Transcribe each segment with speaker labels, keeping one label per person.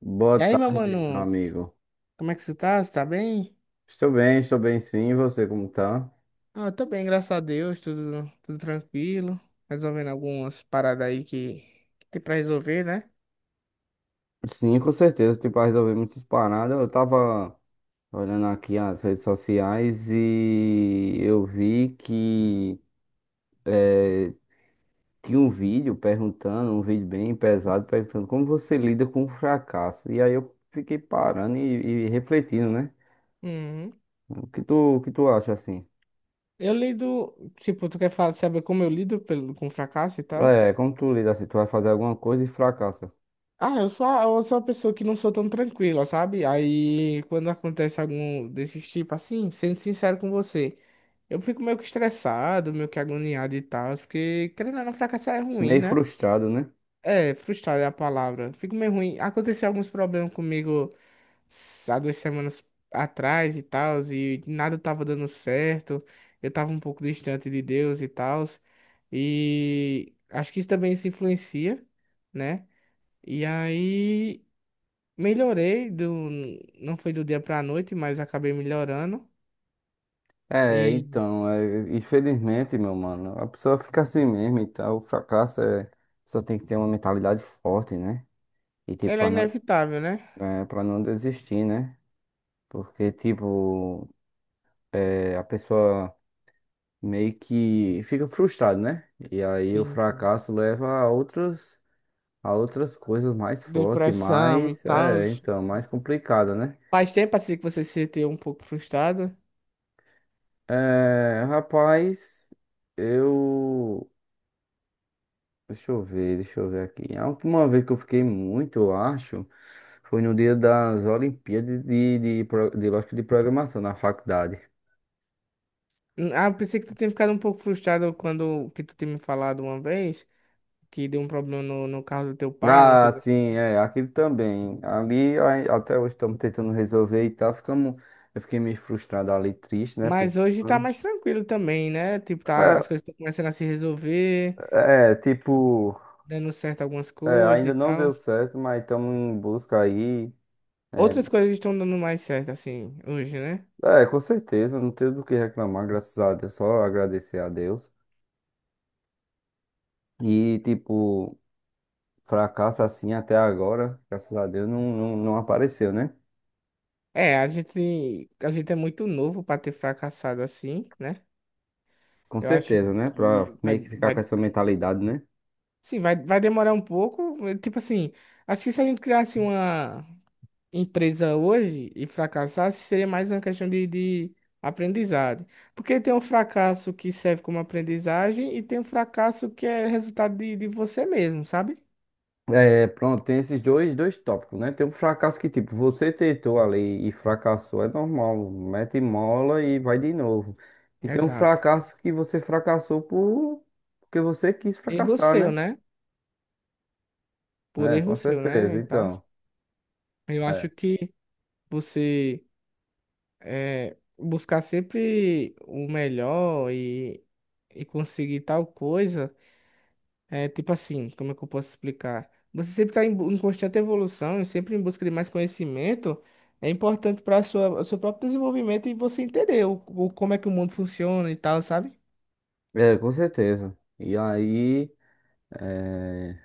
Speaker 1: Boa
Speaker 2: E aí, meu
Speaker 1: tarde, meu
Speaker 2: mano,
Speaker 1: amigo.
Speaker 2: como é que você tá? Você tá bem?
Speaker 1: Estou bem sim. E você, como tá?
Speaker 2: Ah, eu tô bem, graças a Deus, tudo tranquilo. Resolvendo algumas paradas aí que tem pra resolver, né?
Speaker 1: Sim, com certeza. Tipo, pra resolver muitas paradas. Eu tava olhando aqui as redes sociais e eu vi que eh, tinha um vídeo perguntando, um vídeo bem pesado, perguntando como você lida com o fracasso. E aí eu fiquei parando e refletindo, né?
Speaker 2: Uhum.
Speaker 1: O que tu acha assim?
Speaker 2: Eu lido, tipo, tu quer falar, saber como eu lido com fracasso e tal?
Speaker 1: É, como tu lida assim? Tu vai fazer alguma coisa e fracassa.
Speaker 2: Ah, eu sou uma pessoa que não sou tão tranquila, sabe? Aí, quando acontece algum desses tipo assim, sendo sincero com você, eu fico meio que estressado, meio que agoniado e tal, porque querendo ou não, fracassar é ruim,
Speaker 1: Meio
Speaker 2: né?
Speaker 1: frustrado, né?
Speaker 2: É, frustrado é a palavra. Fico meio ruim. Aconteceu alguns problemas comigo há 2 semanas atrás e tal, e nada tava dando certo. Eu tava um pouco distante de Deus e tal. E acho que isso também se influencia, né? E aí melhorei do não foi do dia pra noite, mas acabei melhorando.
Speaker 1: É,
Speaker 2: E
Speaker 1: então, é, infelizmente, meu mano, a pessoa fica assim mesmo e tal. O fracasso é. A pessoa tem que ter uma mentalidade forte, né? E, tipo,
Speaker 2: ela é
Speaker 1: pra não,
Speaker 2: inevitável, né?
Speaker 1: é, pra não desistir, né? Porque, tipo, a pessoa meio que fica frustrada, né? E aí o
Speaker 2: Sim, sim.
Speaker 1: fracasso leva a outras coisas mais fortes,
Speaker 2: Depressão e
Speaker 1: mais.
Speaker 2: tal.
Speaker 1: É, então, mais complicada, né?
Speaker 2: Faz tempo assim que você se sente um pouco frustrado.
Speaker 1: É, rapaz, eu. Deixa eu ver aqui. A última vez que eu fiquei muito, eu acho, foi no dia das Olimpíadas de lógica de programação na faculdade.
Speaker 2: Ah, eu pensei que tu tinha ficado um pouco frustrado quando que tu tinha me falado uma vez que deu um problema no carro do teu pai, alguma
Speaker 1: Ah,
Speaker 2: coisa.
Speaker 1: sim, é, aquilo também. Ali, ai, até hoje estamos tentando resolver e tal. Eu fiquei meio frustrado ali, triste, né?
Speaker 2: Mas hoje tá
Speaker 1: Pensando.
Speaker 2: mais tranquilo também, né? Tipo, tá, as coisas estão começando a se resolver,
Speaker 1: Tipo,
Speaker 2: dando certo algumas coisas
Speaker 1: ainda
Speaker 2: e
Speaker 1: não deu
Speaker 2: tal.
Speaker 1: certo, mas estamos em busca aí. É,
Speaker 2: Outras coisas estão dando mais certo, assim, hoje, né?
Speaker 1: com certeza, não tenho do que reclamar, graças a Deus, só agradecer a Deus. E, tipo. Fracasso assim até agora, graças a Deus, não, não, não apareceu, né?
Speaker 2: É, a gente é muito novo pra ter fracassado assim, né?
Speaker 1: Com
Speaker 2: Eu acho
Speaker 1: certeza, né? Pra
Speaker 2: que
Speaker 1: meio que ficar com essa mentalidade, né?
Speaker 2: sim, vai demorar um pouco. Tipo assim, acho que se a gente criasse uma empresa hoje e fracassasse, seria mais uma questão de aprendizado. Porque tem um fracasso que serve como aprendizagem e tem um fracasso que é resultado de você mesmo, sabe?
Speaker 1: É, pronto, tem esses dois tópicos, né? Tem um fracasso que, tipo, você tentou ali e fracassou, é normal, mete mola e vai de novo. E tem um
Speaker 2: Exato.
Speaker 1: fracasso que você fracassou porque você quis
Speaker 2: Erro
Speaker 1: fracassar,
Speaker 2: seu,
Speaker 1: né?
Speaker 2: né? Por
Speaker 1: É, com
Speaker 2: erro seu, né?
Speaker 1: certeza,
Speaker 2: E tal.
Speaker 1: então.
Speaker 2: Eu acho
Speaker 1: É,
Speaker 2: que você buscar sempre o melhor e conseguir tal coisa. É tipo assim, como é que eu posso explicar? Você sempre está em constante evolução e sempre em busca de mais conhecimento. É importante para sua o seu próprio desenvolvimento e você entender como é que o mundo funciona e tal, sabe?
Speaker 1: é, com certeza. E aí, é,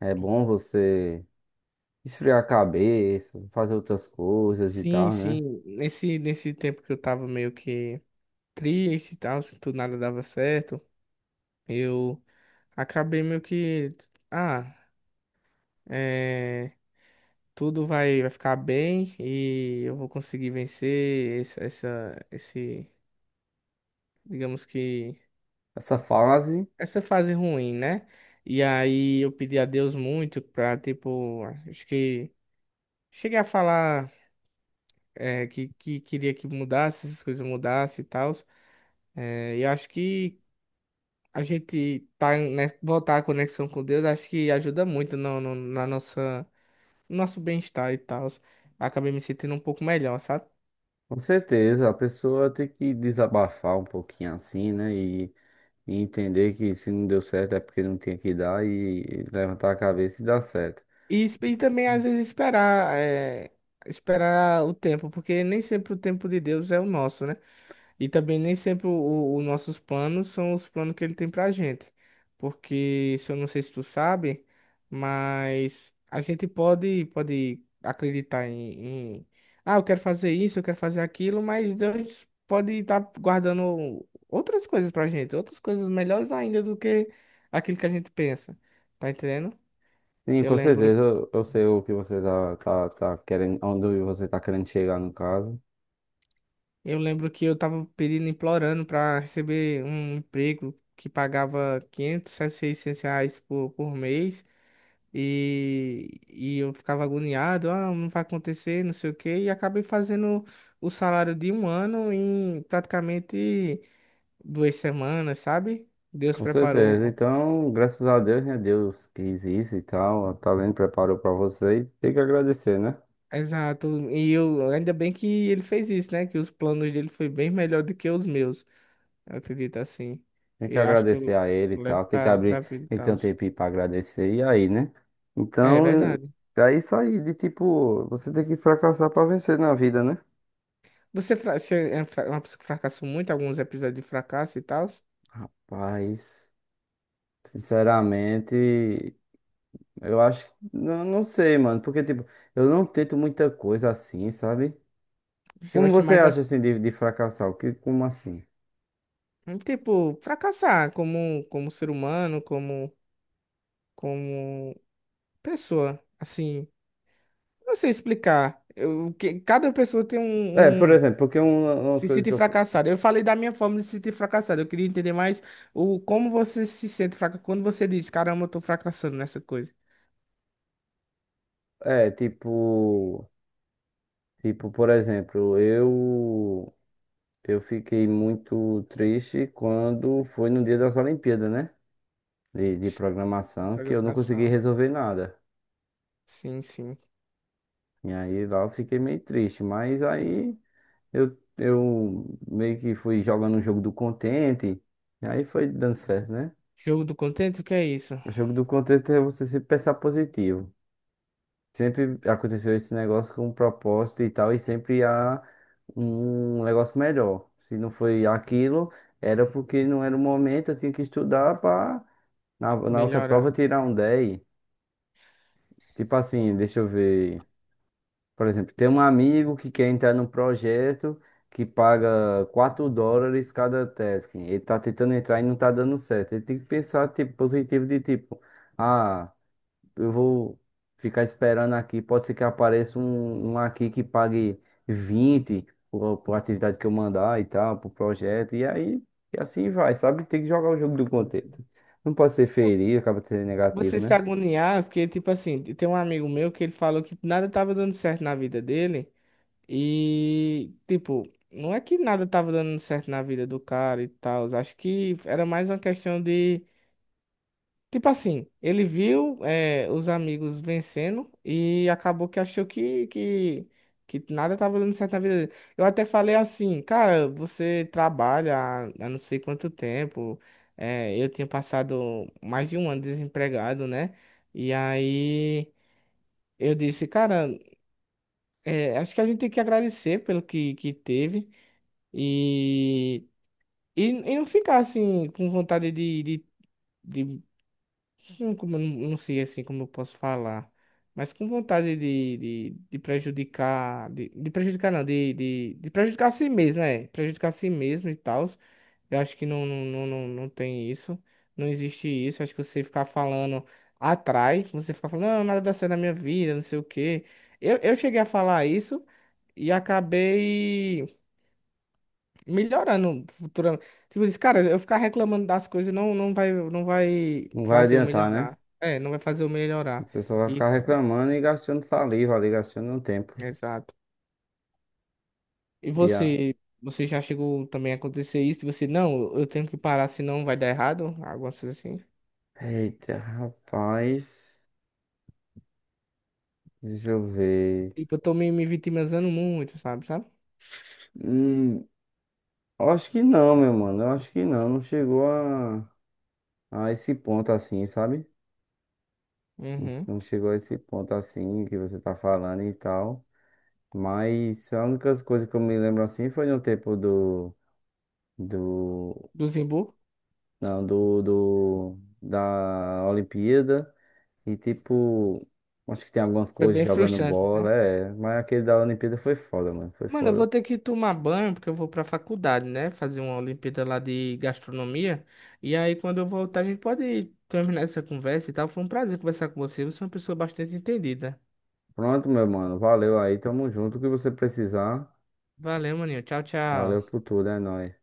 Speaker 1: é bom você. Esfriar a cabeça, fazer outras coisas e
Speaker 2: Sim,
Speaker 1: tal, né?
Speaker 2: sim. Nesse tempo que eu tava meio que triste e tal, se tudo nada dava certo, eu acabei meio que. Ah, é, tudo vai ficar bem e eu vou conseguir vencer esse, digamos que
Speaker 1: Essa fase,
Speaker 2: essa fase ruim, né? E aí eu pedi a Deus muito pra, tipo, acho que cheguei a falar que queria que mudasse, essas coisas mudassem e tal. E acho que a gente tá, né, voltar a conexão com Deus, acho que ajuda muito no nosso bem-estar e tal. Acabei me sentindo um pouco melhor, sabe?
Speaker 1: com certeza, a pessoa tem que desabafar um pouquinho assim, né? E entender que se não deu certo é porque não tinha que dar e levantar a cabeça e dar certo.
Speaker 2: E, e também, às vezes, esperar, esperar o tempo, porque nem sempre o tempo de Deus é o nosso, né? E também nem sempre os nossos planos são os planos que ele tem pra gente. Porque, se eu não sei se tu sabe, mas a gente pode acreditar ah, eu quero fazer isso, eu quero fazer aquilo, mas Deus pode estar guardando outras coisas pra gente, outras coisas melhores ainda do que aquilo que a gente pensa. Tá entendendo?
Speaker 1: Sim,
Speaker 2: Eu
Speaker 1: com
Speaker 2: lembro
Speaker 1: certeza, eu sei o que você tá querendo, onde você tá querendo chegar no caso.
Speaker 2: Eu lembro que eu tava pedindo, implorando pra receber um emprego que pagava 500, a R$ 600 por mês e eu ficava agoniado, ah, não vai acontecer, não sei o quê, e acabei fazendo o salário de um ano em praticamente 2 semanas, sabe? Deus
Speaker 1: Com
Speaker 2: preparou.
Speaker 1: certeza. Então, graças a Deus, né? Deus quis isso e tal, tá vendo, preparou pra você e tem que agradecer, né?
Speaker 2: Exato, e eu ainda bem que ele fez isso, né? Que os planos dele foi bem melhor do que os meus, eu acredito assim.
Speaker 1: Tem que
Speaker 2: E acho que
Speaker 1: agradecer
Speaker 2: eu
Speaker 1: a ele e
Speaker 2: levo
Speaker 1: tal.
Speaker 2: pra vida e
Speaker 1: Tem que ter
Speaker 2: tal.
Speaker 1: um tempinho pra agradecer. E aí, né?
Speaker 2: É
Speaker 1: Então,
Speaker 2: verdade.
Speaker 1: é isso aí, de tipo, você tem que fracassar pra vencer na vida, né?
Speaker 2: Você é uma pessoa que fracassou muito, alguns episódios de fracasso e tal.
Speaker 1: Mas, sinceramente, eu acho, não sei, mano, porque, tipo, eu não tento muita coisa assim, sabe?
Speaker 2: Você
Speaker 1: Como
Speaker 2: gosta
Speaker 1: você
Speaker 2: mais
Speaker 1: acha,
Speaker 2: das.
Speaker 1: assim, de fracassar? O que, como assim?
Speaker 2: Tipo, fracassar como ser humano, como pessoa. Assim, não sei explicar. Cada pessoa tem
Speaker 1: É, por
Speaker 2: um.
Speaker 1: exemplo, porque umas
Speaker 2: Se
Speaker 1: coisas
Speaker 2: sente
Speaker 1: que eu,
Speaker 2: fracassada. Eu falei da minha forma de se sentir fracassado. Eu queria entender mais como você se sente fracassado quando você diz, caramba, eu tô fracassando nessa coisa.
Speaker 1: é, tipo, tipo, por exemplo, eu fiquei muito triste quando foi no dia das Olimpíadas, né? De
Speaker 2: De
Speaker 1: programação, que eu não consegui
Speaker 2: programação.
Speaker 1: resolver nada.
Speaker 2: Sim, sim.
Speaker 1: E aí lá eu fiquei meio triste, mas aí eu meio que fui jogando o jogo do contente, e aí foi dando certo, né?
Speaker 2: Jogo do contento, o que é isso?
Speaker 1: O jogo do contente é você sempre pensar positivo. Sempre aconteceu esse negócio com um propósito e tal, e sempre há um negócio melhor. Se não foi aquilo, era porque não era o momento, eu tinha que estudar para. Na outra prova
Speaker 2: Melhorar.
Speaker 1: tirar um 10. Tipo assim, deixa eu ver. Por exemplo, tem um amigo que quer entrar num projeto que paga $4 cada task. Ele tá tentando entrar e não tá dando certo. Ele tem que pensar tipo, positivo de tipo, ah, eu vou ficar esperando aqui, pode ser que apareça um aqui que pague 20 por atividade que eu mandar e tal, pro projeto. E aí, e assim vai, sabe? Tem que jogar o jogo do contexto. Não pode ser feio, acaba sendo
Speaker 2: Você
Speaker 1: negativo,
Speaker 2: se
Speaker 1: né?
Speaker 2: agoniar, porque, tipo assim, tem um amigo meu que ele falou que nada tava dando certo na vida dele. E, tipo, não é que nada tava dando certo na vida do cara e tal. Acho que era mais uma questão de. Tipo assim, ele viu os amigos vencendo e acabou que achou que nada estava dando certo na vida dele. Eu até falei assim, cara, você trabalha há não sei quanto tempo. Eu tinha passado mais de um ano desempregado, né? E aí eu disse, cara, acho que a gente tem que agradecer pelo que teve e, e não ficar assim com vontade de não, como, eu não sei assim como eu posso falar, mas com vontade de prejudicar, de prejudicar não, de prejudicar a si mesmo, né? Prejudicar a si mesmo e tal. Eu acho que não, não, não, não, não tem isso, não existe isso. Acho que você ficar falando atrai, você ficar falando, não, nada dá certo na minha vida, não sei o quê. Eu cheguei a falar isso e acabei melhorando futuramente. Tipo, diz, cara, eu ficar reclamando das coisas não, não vai
Speaker 1: Não vai
Speaker 2: fazer eu
Speaker 1: adiantar, né?
Speaker 2: melhorar. É, não vai fazer eu melhorar.
Speaker 1: Você só vai
Speaker 2: E
Speaker 1: ficar
Speaker 2: tal.
Speaker 1: reclamando e gastando saliva ali, gastando um tempo.
Speaker 2: Exato. E
Speaker 1: E a...
Speaker 2: você, você já chegou também a acontecer isso? E você, não, eu tenho que parar, senão vai dar errado. Algumas coisas assim.
Speaker 1: Eita, rapaz. Deixa eu ver.
Speaker 2: Tipo, eu tô me vitimizando muito, sabe, sabe?
Speaker 1: Hum, eu acho que não, meu mano. Eu acho que não. Não chegou a, esse ponto assim, sabe?
Speaker 2: Uhum.
Speaker 1: Não chegou a esse ponto assim que você tá falando e tal. Mas a única coisa que eu me lembro assim foi no tempo do. Do.
Speaker 2: Do Zimbu.
Speaker 1: Não, Do da Olimpíada. E tipo, acho que tem algumas
Speaker 2: Foi
Speaker 1: coisas
Speaker 2: bem
Speaker 1: jogando
Speaker 2: frustrante, né?
Speaker 1: bola, é. Mas aquele da Olimpíada foi foda, mano. Foi
Speaker 2: Mano, eu vou
Speaker 1: foda.
Speaker 2: ter que tomar banho porque eu vou pra faculdade, né? Fazer uma Olimpíada lá de gastronomia. E aí, quando eu voltar, a gente pode terminar essa conversa e tal. Foi um prazer conversar com você. Você é uma pessoa bastante entendida.
Speaker 1: Pronto, meu mano. Valeu aí, tamo junto. O que você precisar.
Speaker 2: Valeu, maninho. Tchau,
Speaker 1: Valeu
Speaker 2: tchau.
Speaker 1: por tudo, é nóis.